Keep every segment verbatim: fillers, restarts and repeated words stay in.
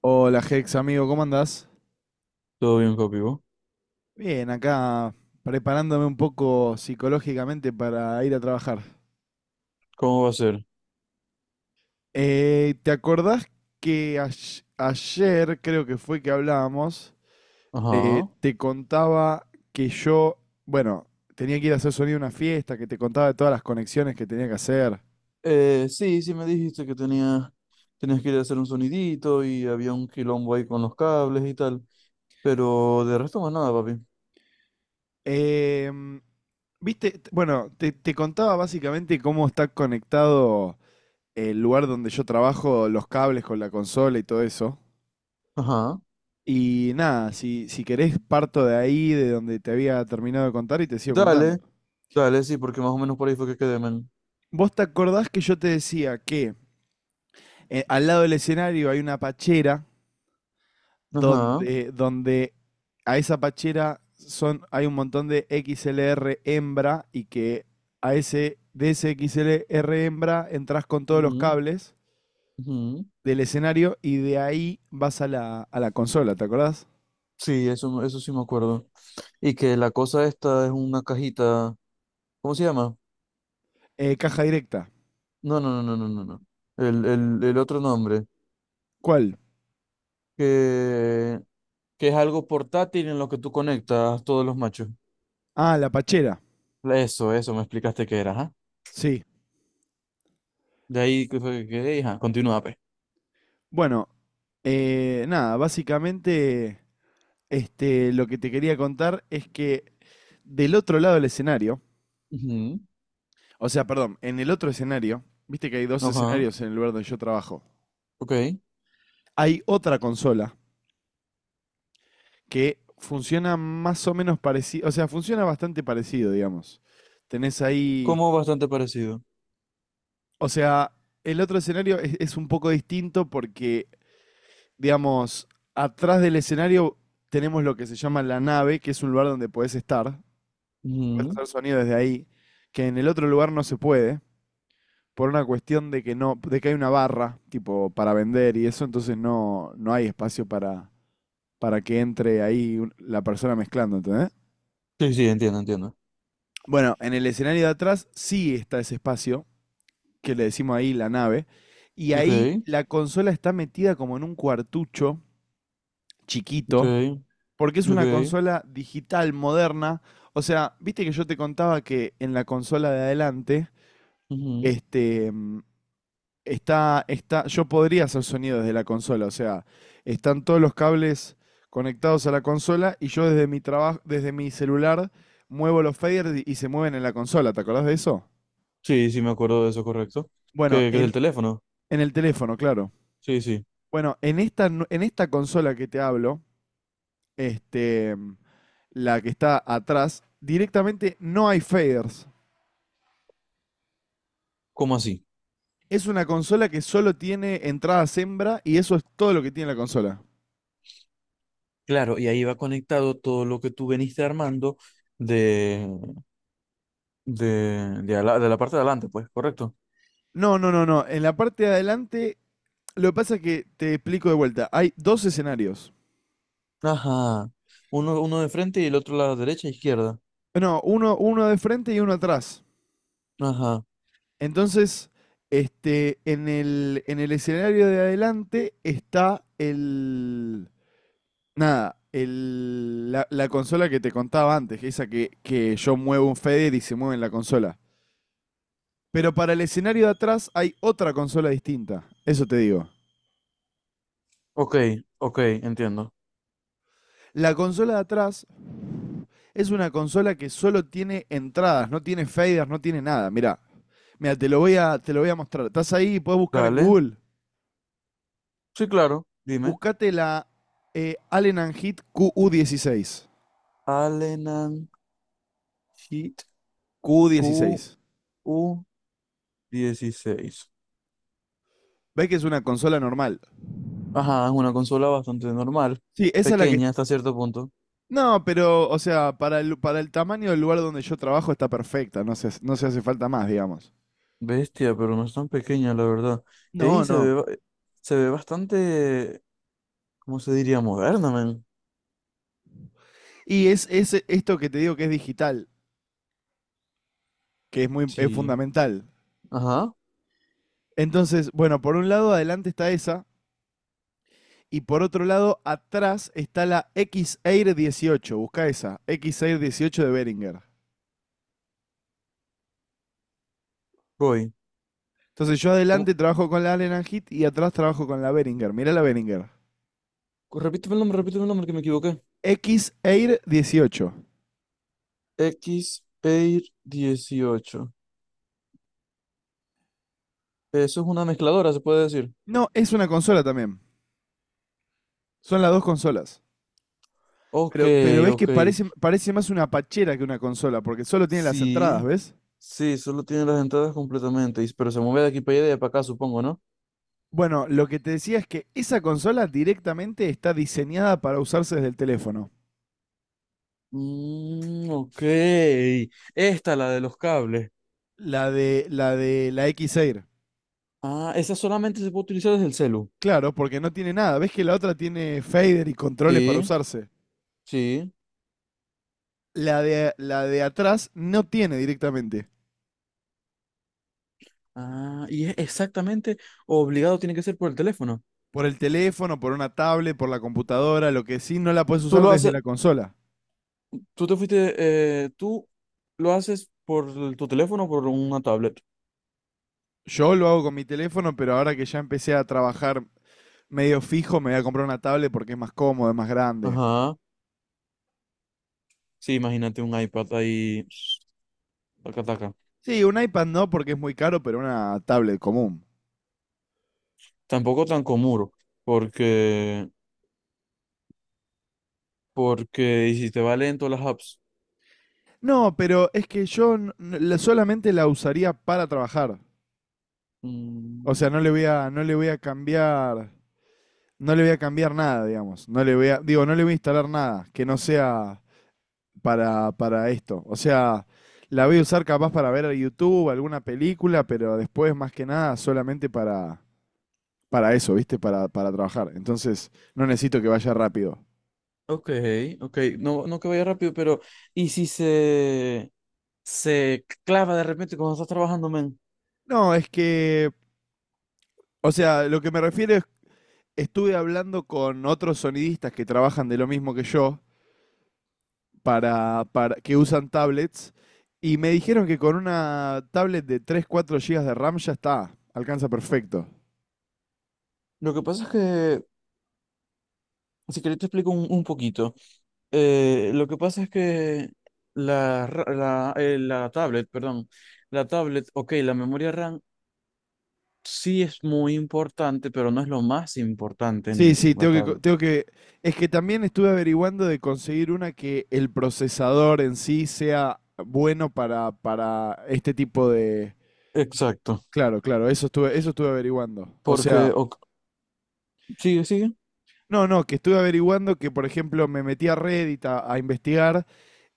Hola Hex, amigo, ¿cómo andás? Todo bien, papi. ¿Vos? Bien, acá preparándome un poco psicológicamente para ir a trabajar. ¿Cómo va a ser? Eh, ¿te acordás que ay- ayer, creo que fue que hablábamos, eh, Ajá. te contaba que yo, bueno, tenía que ir a hacer sonido a una fiesta, que te contaba de todas las conexiones que tenía que hacer? Eh, sí, sí me dijiste que tenía, tenías que ir a hacer un sonidito y había un quilombo ahí con los cables y tal. Pero de resto más nada, papi. Em, Viste, T- bueno, te, te contaba básicamente cómo está conectado el lugar donde yo trabajo, los cables con la consola y todo eso. Ajá. Y nada, si, si querés parto de ahí, de donde te había terminado de contar y te sigo contando. Dale, dale, sí, porque más o menos por ahí fue que quedé, men. ¿Vos te acordás que yo te decía que eh, al lado del escenario hay una pachera Ajá. donde, donde a esa pachera son, hay un montón de X L R hembra y que a ese, de ese X L R hembra entras con todos los Ujú, cables ujú. del escenario y de ahí vas a la, a la consola, te acordás? Sí, eso, eso sí me acuerdo. Y que la cosa esta es una cajita. ¿Cómo se llama? Eh, caja directa. No, no, no, no, no, no, no. El, el, el otro nombre. ¿Cuál? Que, que es algo portátil en lo que tú conectas todos los machos. Ah, la pachera. Eso, eso, me explicaste qué era, ajá. Sí. De ahí, ¿qué fue que quedé? Ajá, continúa, pe. Bueno, eh, nada, básicamente este, lo que te quería contar es que del otro lado del escenario, Ujú. o sea, perdón, en el otro escenario, viste que hay dos Ajá, escenarios en el lugar donde yo trabajo, ok. hay otra consola que funciona más o menos parecido, o sea, funciona bastante parecido, digamos. Tenés ahí, Como bastante parecido. o sea, el otro escenario es, es un poco distinto porque, digamos, atrás del escenario tenemos lo que se llama la nave, que es un lugar donde podés estar, puedes Ujú. hacer sonido desde ahí, que en el otro lugar no se puede, por una cuestión de que no, de que hay una barra, tipo, para vender y eso, entonces no, no hay espacio para, para que entre ahí un- la persona mezclando, ¿entendés? Sí, sí, entiendo, entiendo. Bueno, en el escenario de atrás sí está ese espacio, que le decimos ahí la nave, y Ok, ahí la consola está metida como en un cuartucho ok, chiquito, porque es una ok. consola digital moderna. O sea, viste que yo te contaba que en la consola de adelante, Ujú. este, mm, Está, está, yo podría hacer sonido desde la consola, o sea, están todos los cables conectados a la consola y yo desde mi trabajo, desde mi celular muevo los faders y- y se mueven en la consola, ¿te acordás de eso? Sí, sí, me acuerdo de eso, correcto. Bueno, ¿Qué, qué es en, el teléfono? en el teléfono, claro. Sí, sí. Bueno, en esta, nu- en esta consola que te hablo, este, la que está atrás, directamente no hay faders. ¿Cómo así? Es una consola que solo tiene entrada hembra y eso es todo lo que tiene la consola. Claro, y ahí va conectado todo lo que tú veniste armando de, de, de, ala- de la parte de adelante, pues, correcto. No, no, no, no. En la parte de adelante. Lo que pasa es que te explico de vuelta. Hay dos escenarios. Ajá. Uno, uno de frente y el otro a la derecha e izquierda. No, uno, uno de frente y uno atrás. Ajá. Entonces, este, en el, en el escenario de adelante está el. Nada, el, la, la consola que te contaba antes, esa que, que yo muevo un fader y se mueve en la consola. Pero para el escenario de atrás hay otra consola distinta. Eso te digo. Ok, ok, entiendo. La consola de atrás es una consola que solo tiene entradas, no tiene faders, no tiene nada. Mirá, mira, te lo voy a, te lo voy a mostrar. Estás ahí y podés buscar en Dale. Google. Sí, claro, dime. Buscate la eh, Allen Heat Q U dieciséis. Alenan Hit Q Q U dieciséis. U dieciséis. ¿Ves que es una consola normal? Ajá, es una consola bastante normal, Sí, esa es la que... pequeña hasta cierto punto. No, pero, o sea, para el, para el tamaño del lugar donde yo trabajo está perfecta, no se, no se hace falta más, digamos. Bestia, pero no es tan pequeña, la verdad. No, Y se no. ve, ba- se ve bastante, ¿cómo se diría? Moderna, man. Y es, es esto que te digo que es digital, que es muy es Sí. fundamental. Ajá, Entonces, bueno, por un lado adelante está esa y por otro lado atrás está la X-Air dieciocho, busca esa, X-Air dieciocho de Behringer. voy. Entonces yo ¿Cómo? adelante trabajo con la Allen and Heath y atrás trabajo con la Behringer, mirá la Behringer. Repíteme el nombre, repíteme el nombre que me equivoqué. X-Air dieciocho. X P E I R dieciocho. Eso es una mezcladora, se puede decir. No, es una consola también, son las dos consolas. Ok, Pero, pero ves que ok. parece, parece más una pachera que una consola, porque solo tiene las entradas, Sí, ¿ves? sí, solo tiene las entradas completamente, y- pero se mueve de aquí para allá y de para acá, supongo, ¿no? Bueno, lo que te decía es que esa consola directamente está diseñada para usarse desde el teléfono. Mm, ok. Esta, la de los cables. La de la de la X-Air. Ah, esa solamente se puede utilizar desde el celu. Claro, porque no tiene nada. ¿Ves que la otra tiene fader y controles para Sí, usarse? sí. La de, la de atrás no tiene directamente. Ah, y es exactamente obligado, tiene que ser por el teléfono. Por el teléfono, por una tablet, por la computadora, lo que sí no la puedes Tú usar lo desde haces, la consola. tú te fuiste, eh, tú lo haces por el- tu teléfono o por una tablet. Yo lo hago con mi teléfono, pero ahora que ya empecé a trabajar medio fijo, me voy a comprar una tablet porque es más cómodo, es más grande. Ajá. Sí, imagínate un iPad ahí, taca, taca. Sí, un iPad no porque es muy caro, pero una tablet común. Tampoco tan común, porque Porque hiciste va lento las apps. No, pero es que yo solamente la usaría para trabajar. O sea, Mm, no le voy a, no le voy a cambiar, no le voy a cambiar nada, digamos. No le voy a, digo, no le voy a instalar nada que no sea para, para esto. O sea, la voy a usar capaz para ver a YouTube, alguna película, pero después más que nada solamente para, para eso, ¿viste? Para, para trabajar. Entonces, no necesito que vaya rápido. ok, ok. No, no que vaya rápido, pero. ¿Y si se, se clava de repente cuando estás trabajando, men? No, es que, o sea, lo que me refiero es, estuve hablando con otros sonidistas que trabajan de lo mismo que yo. para, para que usan tablets y me dijeron que con una tablet de tres cuatro gigas de RAM ya está, alcanza perfecto. Lo que pasa es que. Si querés te explico un, un poquito. Eh, lo que pasa es que la, ra- la, eh, la tablet, perdón. La tablet, ok, la memoria RAM sí es muy importante, pero no es lo más importante Sí, en sí, la tengo que, tablet. tengo que... Es que también estuve averiguando de conseguir una que el procesador en sí sea bueno para, para este tipo de... Exacto. Claro, claro, eso estuve, eso estuve averiguando. O sea, Porque. Ok, sigue, sigue. no, no, que estuve averiguando que, por ejemplo, me metí a Reddit a, a investigar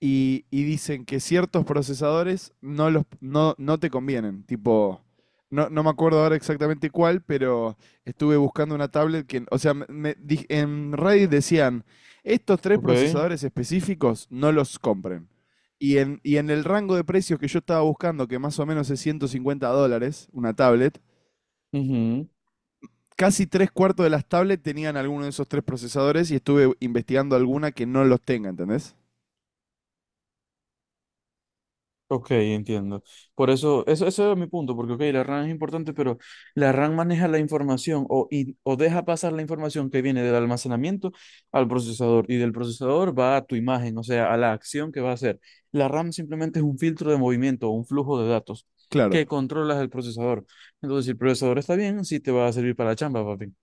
y, y dicen que ciertos procesadores no, los, no, no te convienen. Tipo, no, no me acuerdo ahora exactamente cuál, pero estuve buscando una tablet que, o sea, me- me di- en Reddit decían, estos tres Ok. procesadores específicos no los compren. Y en, y en el rango de precios que yo estaba buscando, que más o menos es ciento cincuenta dólares, una tablet, Ujú. casi tres cuartos de las tablets tenían alguno de esos tres procesadores y estuve investigando alguna que no los tenga, ¿entendés? Ok, entiendo. Por eso, eso, eso era mi punto, porque ok, la RAM es importante, pero la RAM maneja la información o, y- o deja pasar la información que viene del almacenamiento al procesador y del procesador va a tu imagen, o sea, a la acción que va a hacer. La RAM simplemente es un filtro de movimiento o un flujo de datos que Claro. controlas el procesador. Entonces, si el procesador está bien, sí te va a servir para la chamba, papi.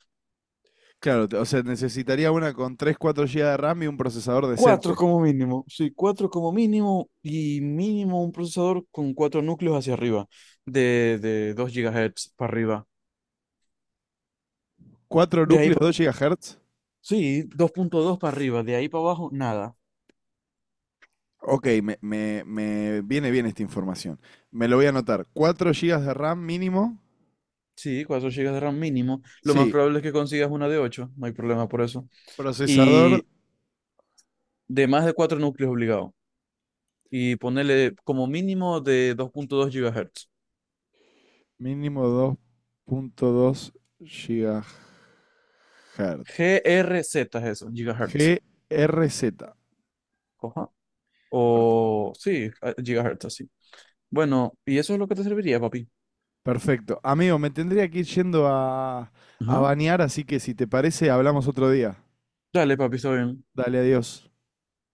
Claro, o sea, necesitaría una con tres cuatro gigas de RAM y un procesador Cuatro decente. como mínimo, sí, cuatro como mínimo y mínimo un procesador con cuatro núcleos hacia arriba, de, de, dos gigahertz para arriba. Cuatro De ahí, núcleos, pa- dos gigahertz. sí, dos punto dos para arriba, de ahí para abajo, nada. Ok, me, me- me viene bien esta información. Me lo voy a anotar. Cuatro gigas de RAM mínimo. Sí, cuatro gigas de RAM mínimo. Lo más Sí, probable es que consigas una de ocho, no hay problema por eso. procesador Y de más de cuatro núcleos obligado. Y ponerle como mínimo de dos punto dos GHz. mínimo dos punto dos GHz. G R Z es eso, gigahertz. G R Z. Ajá. Per- O sí, a- gigahertz así. Bueno, y eso es lo que te serviría, papi. Perfecto. Amigo, me tendría que ir yendo a, a Ajá. bañar, así que si te parece, hablamos otro día. Dale, papi, está bien. Dale, adiós.